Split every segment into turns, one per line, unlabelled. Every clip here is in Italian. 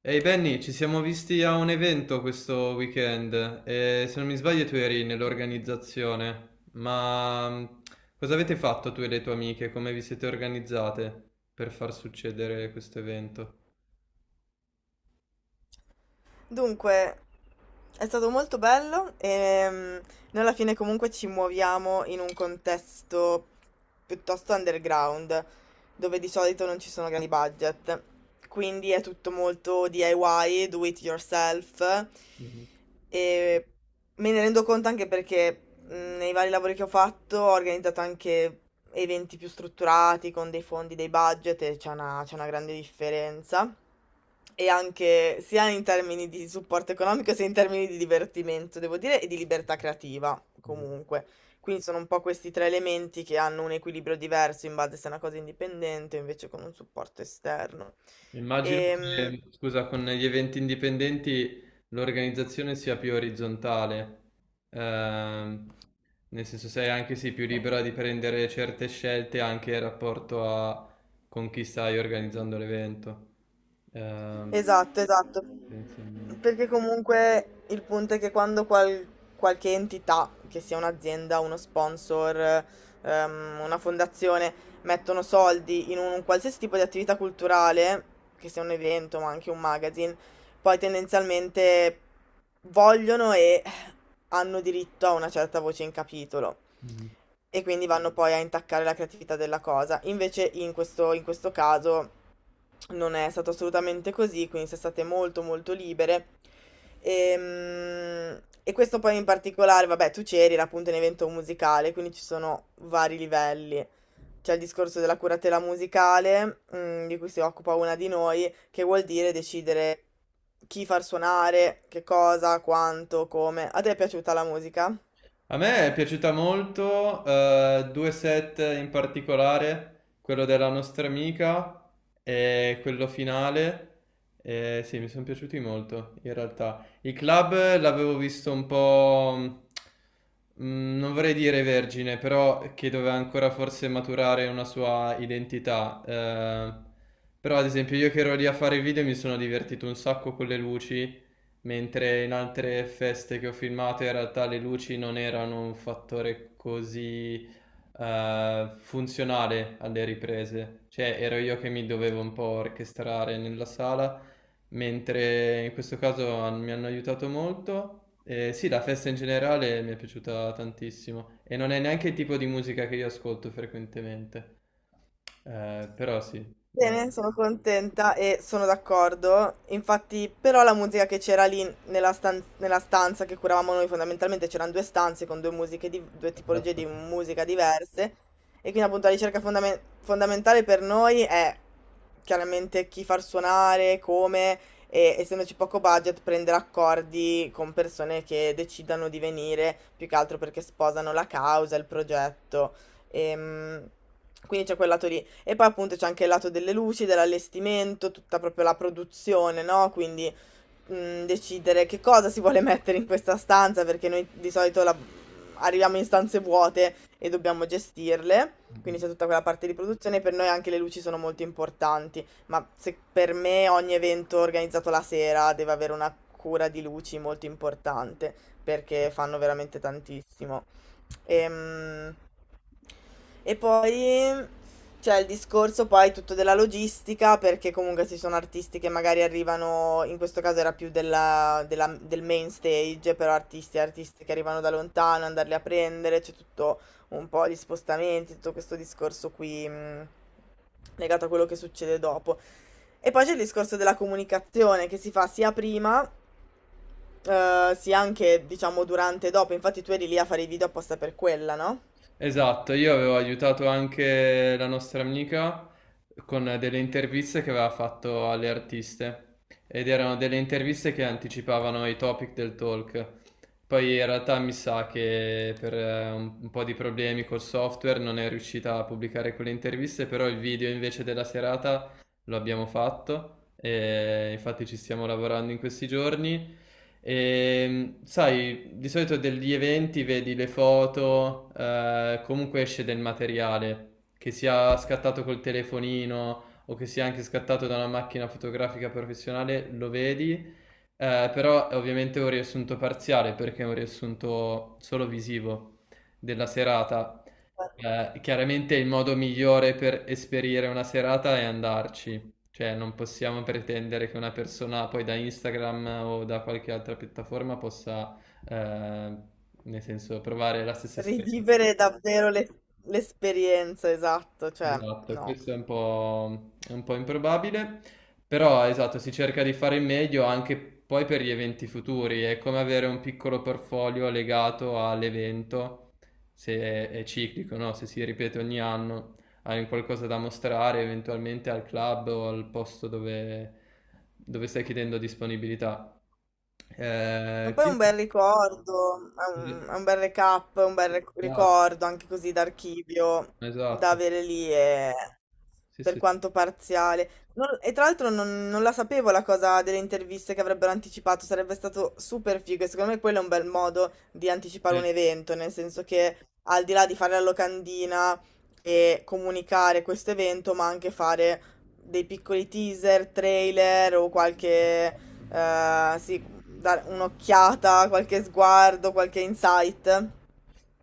Ehi Benny, ci siamo visti a un evento questo weekend e se non mi sbaglio tu eri nell'organizzazione, ma cosa avete fatto tu e le tue amiche? Come vi siete organizzate per far succedere questo evento?
Dunque, è stato molto bello e noi alla fine comunque ci muoviamo in un contesto piuttosto underground, dove di solito non ci sono grandi budget. Quindi è tutto molto DIY, do it yourself.
Mhm.
E me ne rendo conto anche perché nei vari lavori che ho fatto ho organizzato anche eventi più strutturati, con dei fondi, dei budget, e c'è una grande differenza. E anche sia in termini di supporto economico sia in termini di divertimento, devo dire, e di libertà creativa,
Esatto.
comunque. Quindi sono un po' questi tre elementi che hanno un equilibrio diverso in base se è una cosa indipendente o invece con un supporto esterno.
Immagino
Ehm,
che, scusa, con gli eventi indipendenti l'organizzazione sia più orizzontale, ehm, nel senso sei anche sì, più libera di prendere certe scelte anche in rapporto a con chi stai organizzando l'evento, ehm,
Esatto, esatto.
tendenzialmente.
Perché comunque il punto è che quando qualche entità, che sia un'azienda, uno sponsor, una fondazione, mettono soldi in un qualsiasi tipo di attività culturale, che sia un evento ma anche un magazine, poi tendenzialmente vogliono e hanno diritto a una certa voce in capitolo
Mm.
e quindi vanno poi a intaccare la creatività della cosa. Invece in questo caso non è stato assolutamente così, quindi sono state molto molto libere. Ehm, E questo poi in particolare, vabbè, tu c'eri, era appunto un evento musicale, quindi ci sono vari livelli: c'è il discorso della curatela musicale, di cui si occupa una di noi, che vuol dire decidere chi far suonare, che cosa, quanto, come. A te è piaciuta la musica?
A me è piaciuta molto, due set in particolare, quello della nostra amica e quello finale. Sì, mi sono piaciuti molto in realtà. I club l'avevo visto un po', mm, non vorrei dire vergine, però che doveva ancora forse maturare una sua identità. Però ad esempio io che ero lì a fare il video mi sono divertito un sacco con le luci. Mentre in altre feste che ho filmato in realtà le luci non erano un fattore così funzionale alle riprese, cioè ero io che mi dovevo un po' orchestrare nella sala, mentre in questo caso mi hanno aiutato molto. Sì, la festa in generale mi è piaciuta tantissimo e non è neanche il tipo di musica che io ascolto frequentemente. Però sì, eh,
Bene, sono contenta e sono d'accordo. Infatti, però la musica che c'era lì nella, nella stanza che curavamo noi, fondamentalmente c'erano due stanze con due musiche due tipologie
esatto.
di musica diverse. E quindi appunto la ricerca fondamentale per noi è chiaramente chi far suonare, come, e essendoci poco budget, prendere accordi con persone che decidano di venire, più che altro perché sposano la causa, il progetto. Ehm, quindi c'è quel lato lì. E poi appunto c'è anche il lato delle luci, dell'allestimento, tutta proprio la produzione, no? Quindi decidere che cosa si vuole mettere in questa stanza, perché noi di solito arriviamo in stanze vuote e dobbiamo gestirle. Quindi c'è tutta quella parte di produzione, per noi anche le luci sono molto importanti, ma se per me ogni evento organizzato la sera deve avere una cura di luci molto importante, perché fanno veramente tantissimo. Ehm... E poi c'è il discorso poi tutto della logistica, perché comunque ci sono artisti che magari arrivano, in questo caso era più del main stage, però artisti e artisti che arrivano da lontano, andarli a prendere, c'è tutto un po' di spostamenti, tutto questo discorso qui legato a quello che succede dopo. E poi c'è il discorso della comunicazione che si fa sia prima, sia anche, diciamo, durante e dopo. Infatti tu eri lì a fare i video apposta per quella, no?
Esatto, io avevo aiutato anche la nostra amica con delle interviste che aveva fatto alle artiste ed erano delle interviste che anticipavano i topic del talk. Poi in realtà mi sa che per un po' di problemi col software non è riuscita a pubblicare quelle interviste, però il video invece della serata lo abbiamo fatto e infatti ci stiamo lavorando in questi giorni. E, sai, di solito degli eventi vedi le foto, comunque esce del materiale, che sia scattato col telefonino o che sia anche scattato da una macchina fotografica professionale, lo vedi, però è ovviamente un riassunto parziale perché è un riassunto solo visivo della serata. Chiaramente il modo migliore per esperire una serata è andarci, cioè non possiamo pretendere che una persona poi da Instagram o da qualche altra piattaforma possa, eh, nel senso, provare la stessa esperienza.
Rivivere davvero l'esperienza, esatto, cioè,
Esatto,
no.
questo è un po' improbabile, però esatto, si cerca di fare il meglio anche poi per gli eventi futuri, è come avere un piccolo portfolio legato all'evento, se è, è ciclico, no? Se si ripete ogni anno, hai un qualcosa da mostrare eventualmente al club o al posto dove, dove stai chiedendo disponibilità.
Ma poi è un
Quindi,
bel ricordo, è un bel recap, un bel
esatto,
ricordo anche così d'archivio da
esatto.
avere lì e
Sì,
per
sì, sì.
quanto parziale. E tra l'altro non la sapevo la cosa delle interviste che avrebbero anticipato, sarebbe stato super figo e secondo me quello è un bel modo di anticipare
Eh,
un evento, nel senso che al di là di fare la locandina e comunicare questo evento, ma anche fare dei piccoli teaser, trailer o qualche...
esatto.
Sì, dare un'occhiata, qualche sguardo, qualche insight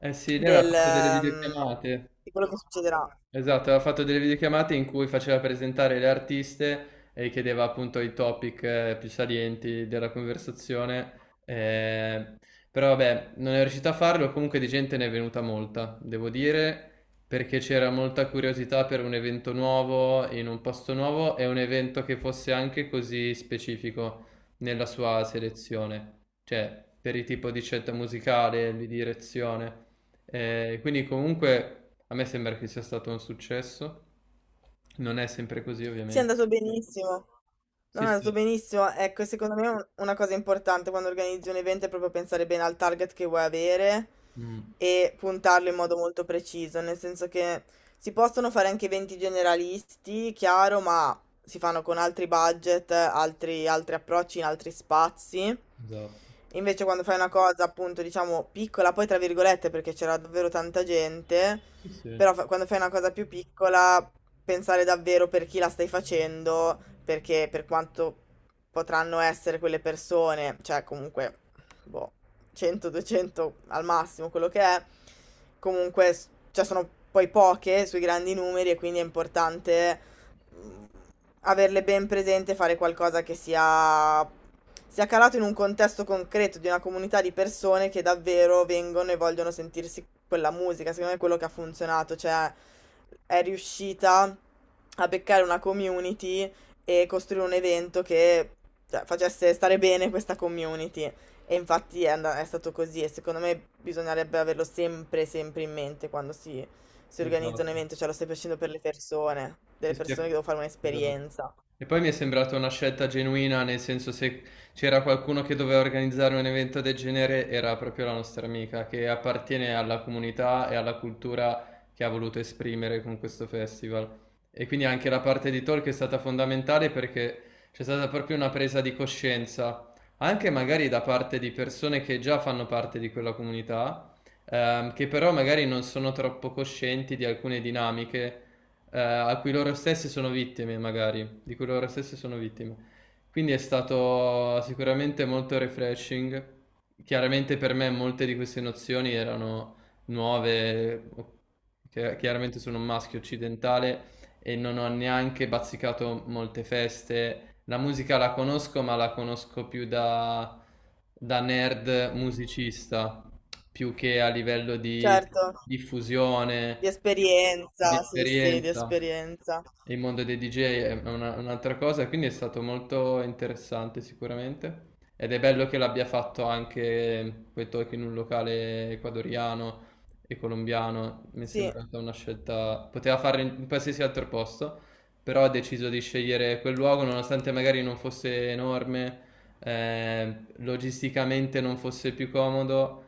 Eh sì, lei aveva
del,
fatto delle videochiamate.
di quello che succederà.
Esatto, aveva fatto delle videochiamate in cui faceva presentare le artiste e chiedeva appunto i topic più salienti della conversazione, eh, però vabbè, non è riuscito a farlo, comunque di gente ne è venuta molta, devo dire, perché c'era molta curiosità per un evento nuovo in un posto nuovo e un evento che fosse anche così specifico nella sua selezione, cioè per il tipo di scelta musicale, di direzione. Quindi comunque a me sembra che sia stato un successo. Non è sempre così,
Sì, è
ovviamente.
andato benissimo. Non
Sì,
è
sì.
andato benissimo. Ecco, secondo me una cosa importante quando organizzi un evento è proprio pensare bene al target che vuoi avere
Mm,
e puntarlo in modo molto preciso, nel senso che si possono fare anche eventi generalisti, chiaro, ma si fanno con altri budget, altri approcci in altri spazi.
esatto.
Invece quando fai una cosa appunto diciamo piccola, poi tra virgolette perché c'era davvero tanta gente,
Sì, sì,
però quando fai una cosa più piccola, pensare davvero per chi la stai facendo, perché per quanto potranno essere quelle persone, cioè comunque, boh, 100, 200 al massimo, quello che è, comunque, s- cioè sono poi poche sui grandi numeri e quindi è importante mh, averle ben presente, fare qualcosa che sia, sia calato in un contesto concreto di una comunità di persone che davvero vengono e vogliono sentirsi quella musica. Secondo me è quello che ha funzionato, cioè è riuscita a beccare una community e costruire un evento che cioè, facesse stare bene questa community. E infatti è, è stato così e secondo me bisognerebbe averlo sempre, sempre in mente quando si organizza un
esatto.
evento, cioè lo stai facendo per le persone,
Sì,
delle
sì,
persone che devo fare
esatto.
un'esperienza.
E poi mi è sembrata una scelta genuina, nel senso se c'era qualcuno che doveva organizzare un evento del genere era proprio la nostra amica, che appartiene alla comunità e alla cultura che ha voluto esprimere con questo festival. E quindi anche la parte di talk è stata fondamentale perché c'è stata proprio una presa di coscienza, anche magari da parte di persone che già fanno parte di quella comunità, che però magari non sono troppo coscienti di alcune dinamiche a cui loro stessi sono vittime, magari, di cui loro stessi sono vittime. Quindi è stato sicuramente molto refreshing. Chiaramente per me molte di queste nozioni erano nuove, chiaramente sono un maschio occidentale e non ho neanche bazzicato molte feste. La musica la conosco, ma la conosco più da, da nerd musicista, più che a livello di
Certo, di
diffusione, di
esperienza, sì, sì, di
esperienza.
esperienza.
Il mondo dei DJ è un'altra cosa, quindi è stato molto interessante sicuramente. Ed è bello che l'abbia fatto anche quei talk in un locale ecuadoriano e colombiano. Mi è
Sì.
sembrata una scelta. Poteva farlo in qualsiasi altro posto, però ha deciso di scegliere quel luogo, nonostante magari non fosse enorme, logisticamente non fosse più comodo,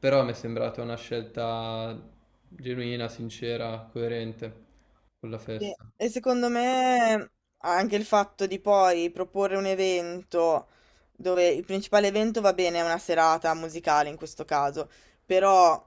però mi è sembrata una scelta genuina, sincera, coerente con la
Sì,
festa.
e secondo me anche il fatto di poi proporre un evento dove il principale evento va bene, è una serata musicale in questo caso, però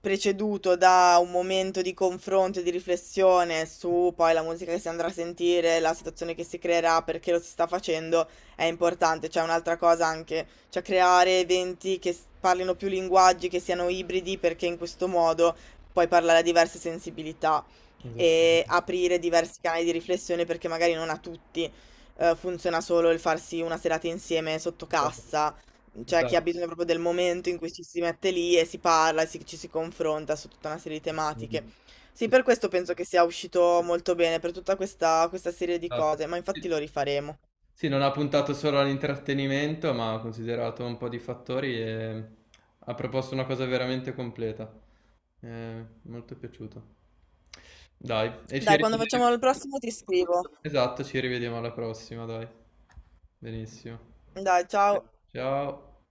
preceduto da un momento di confronto e di riflessione su poi la musica che si andrà a sentire, la situazione che si creerà, perché lo si sta facendo, è importante. C'è un'altra cosa anche, cioè creare eventi che parlino più linguaggi, che siano ibridi, perché in questo modo puoi parlare a diverse sensibilità e
Esattamente.
aprire diversi canali di riflessione perché magari non a tutti, funziona solo il farsi una serata insieme sotto
Esatto.
cassa, cioè chi ha
Esattamente.
bisogno proprio del momento in cui ci si mette lì e si parla e ci si confronta su tutta una serie di tematiche. Sì,
Sì, sì,
per questo penso che sia uscito molto bene, per tutta questa serie di
esatto.
cose, ma
Sì.
infatti lo rifaremo.
Sì, non ha puntato solo all'intrattenimento, ma ha considerato un po' di fattori e ha proposto una cosa veramente completa. Molto piaciuto. Dai, e ci
Dai, quando facciamo
rivediamo.
il prossimo ti scrivo.
Esatto, ci rivediamo alla prossima, dai. Benissimo.
Dai, ciao.
Ciao.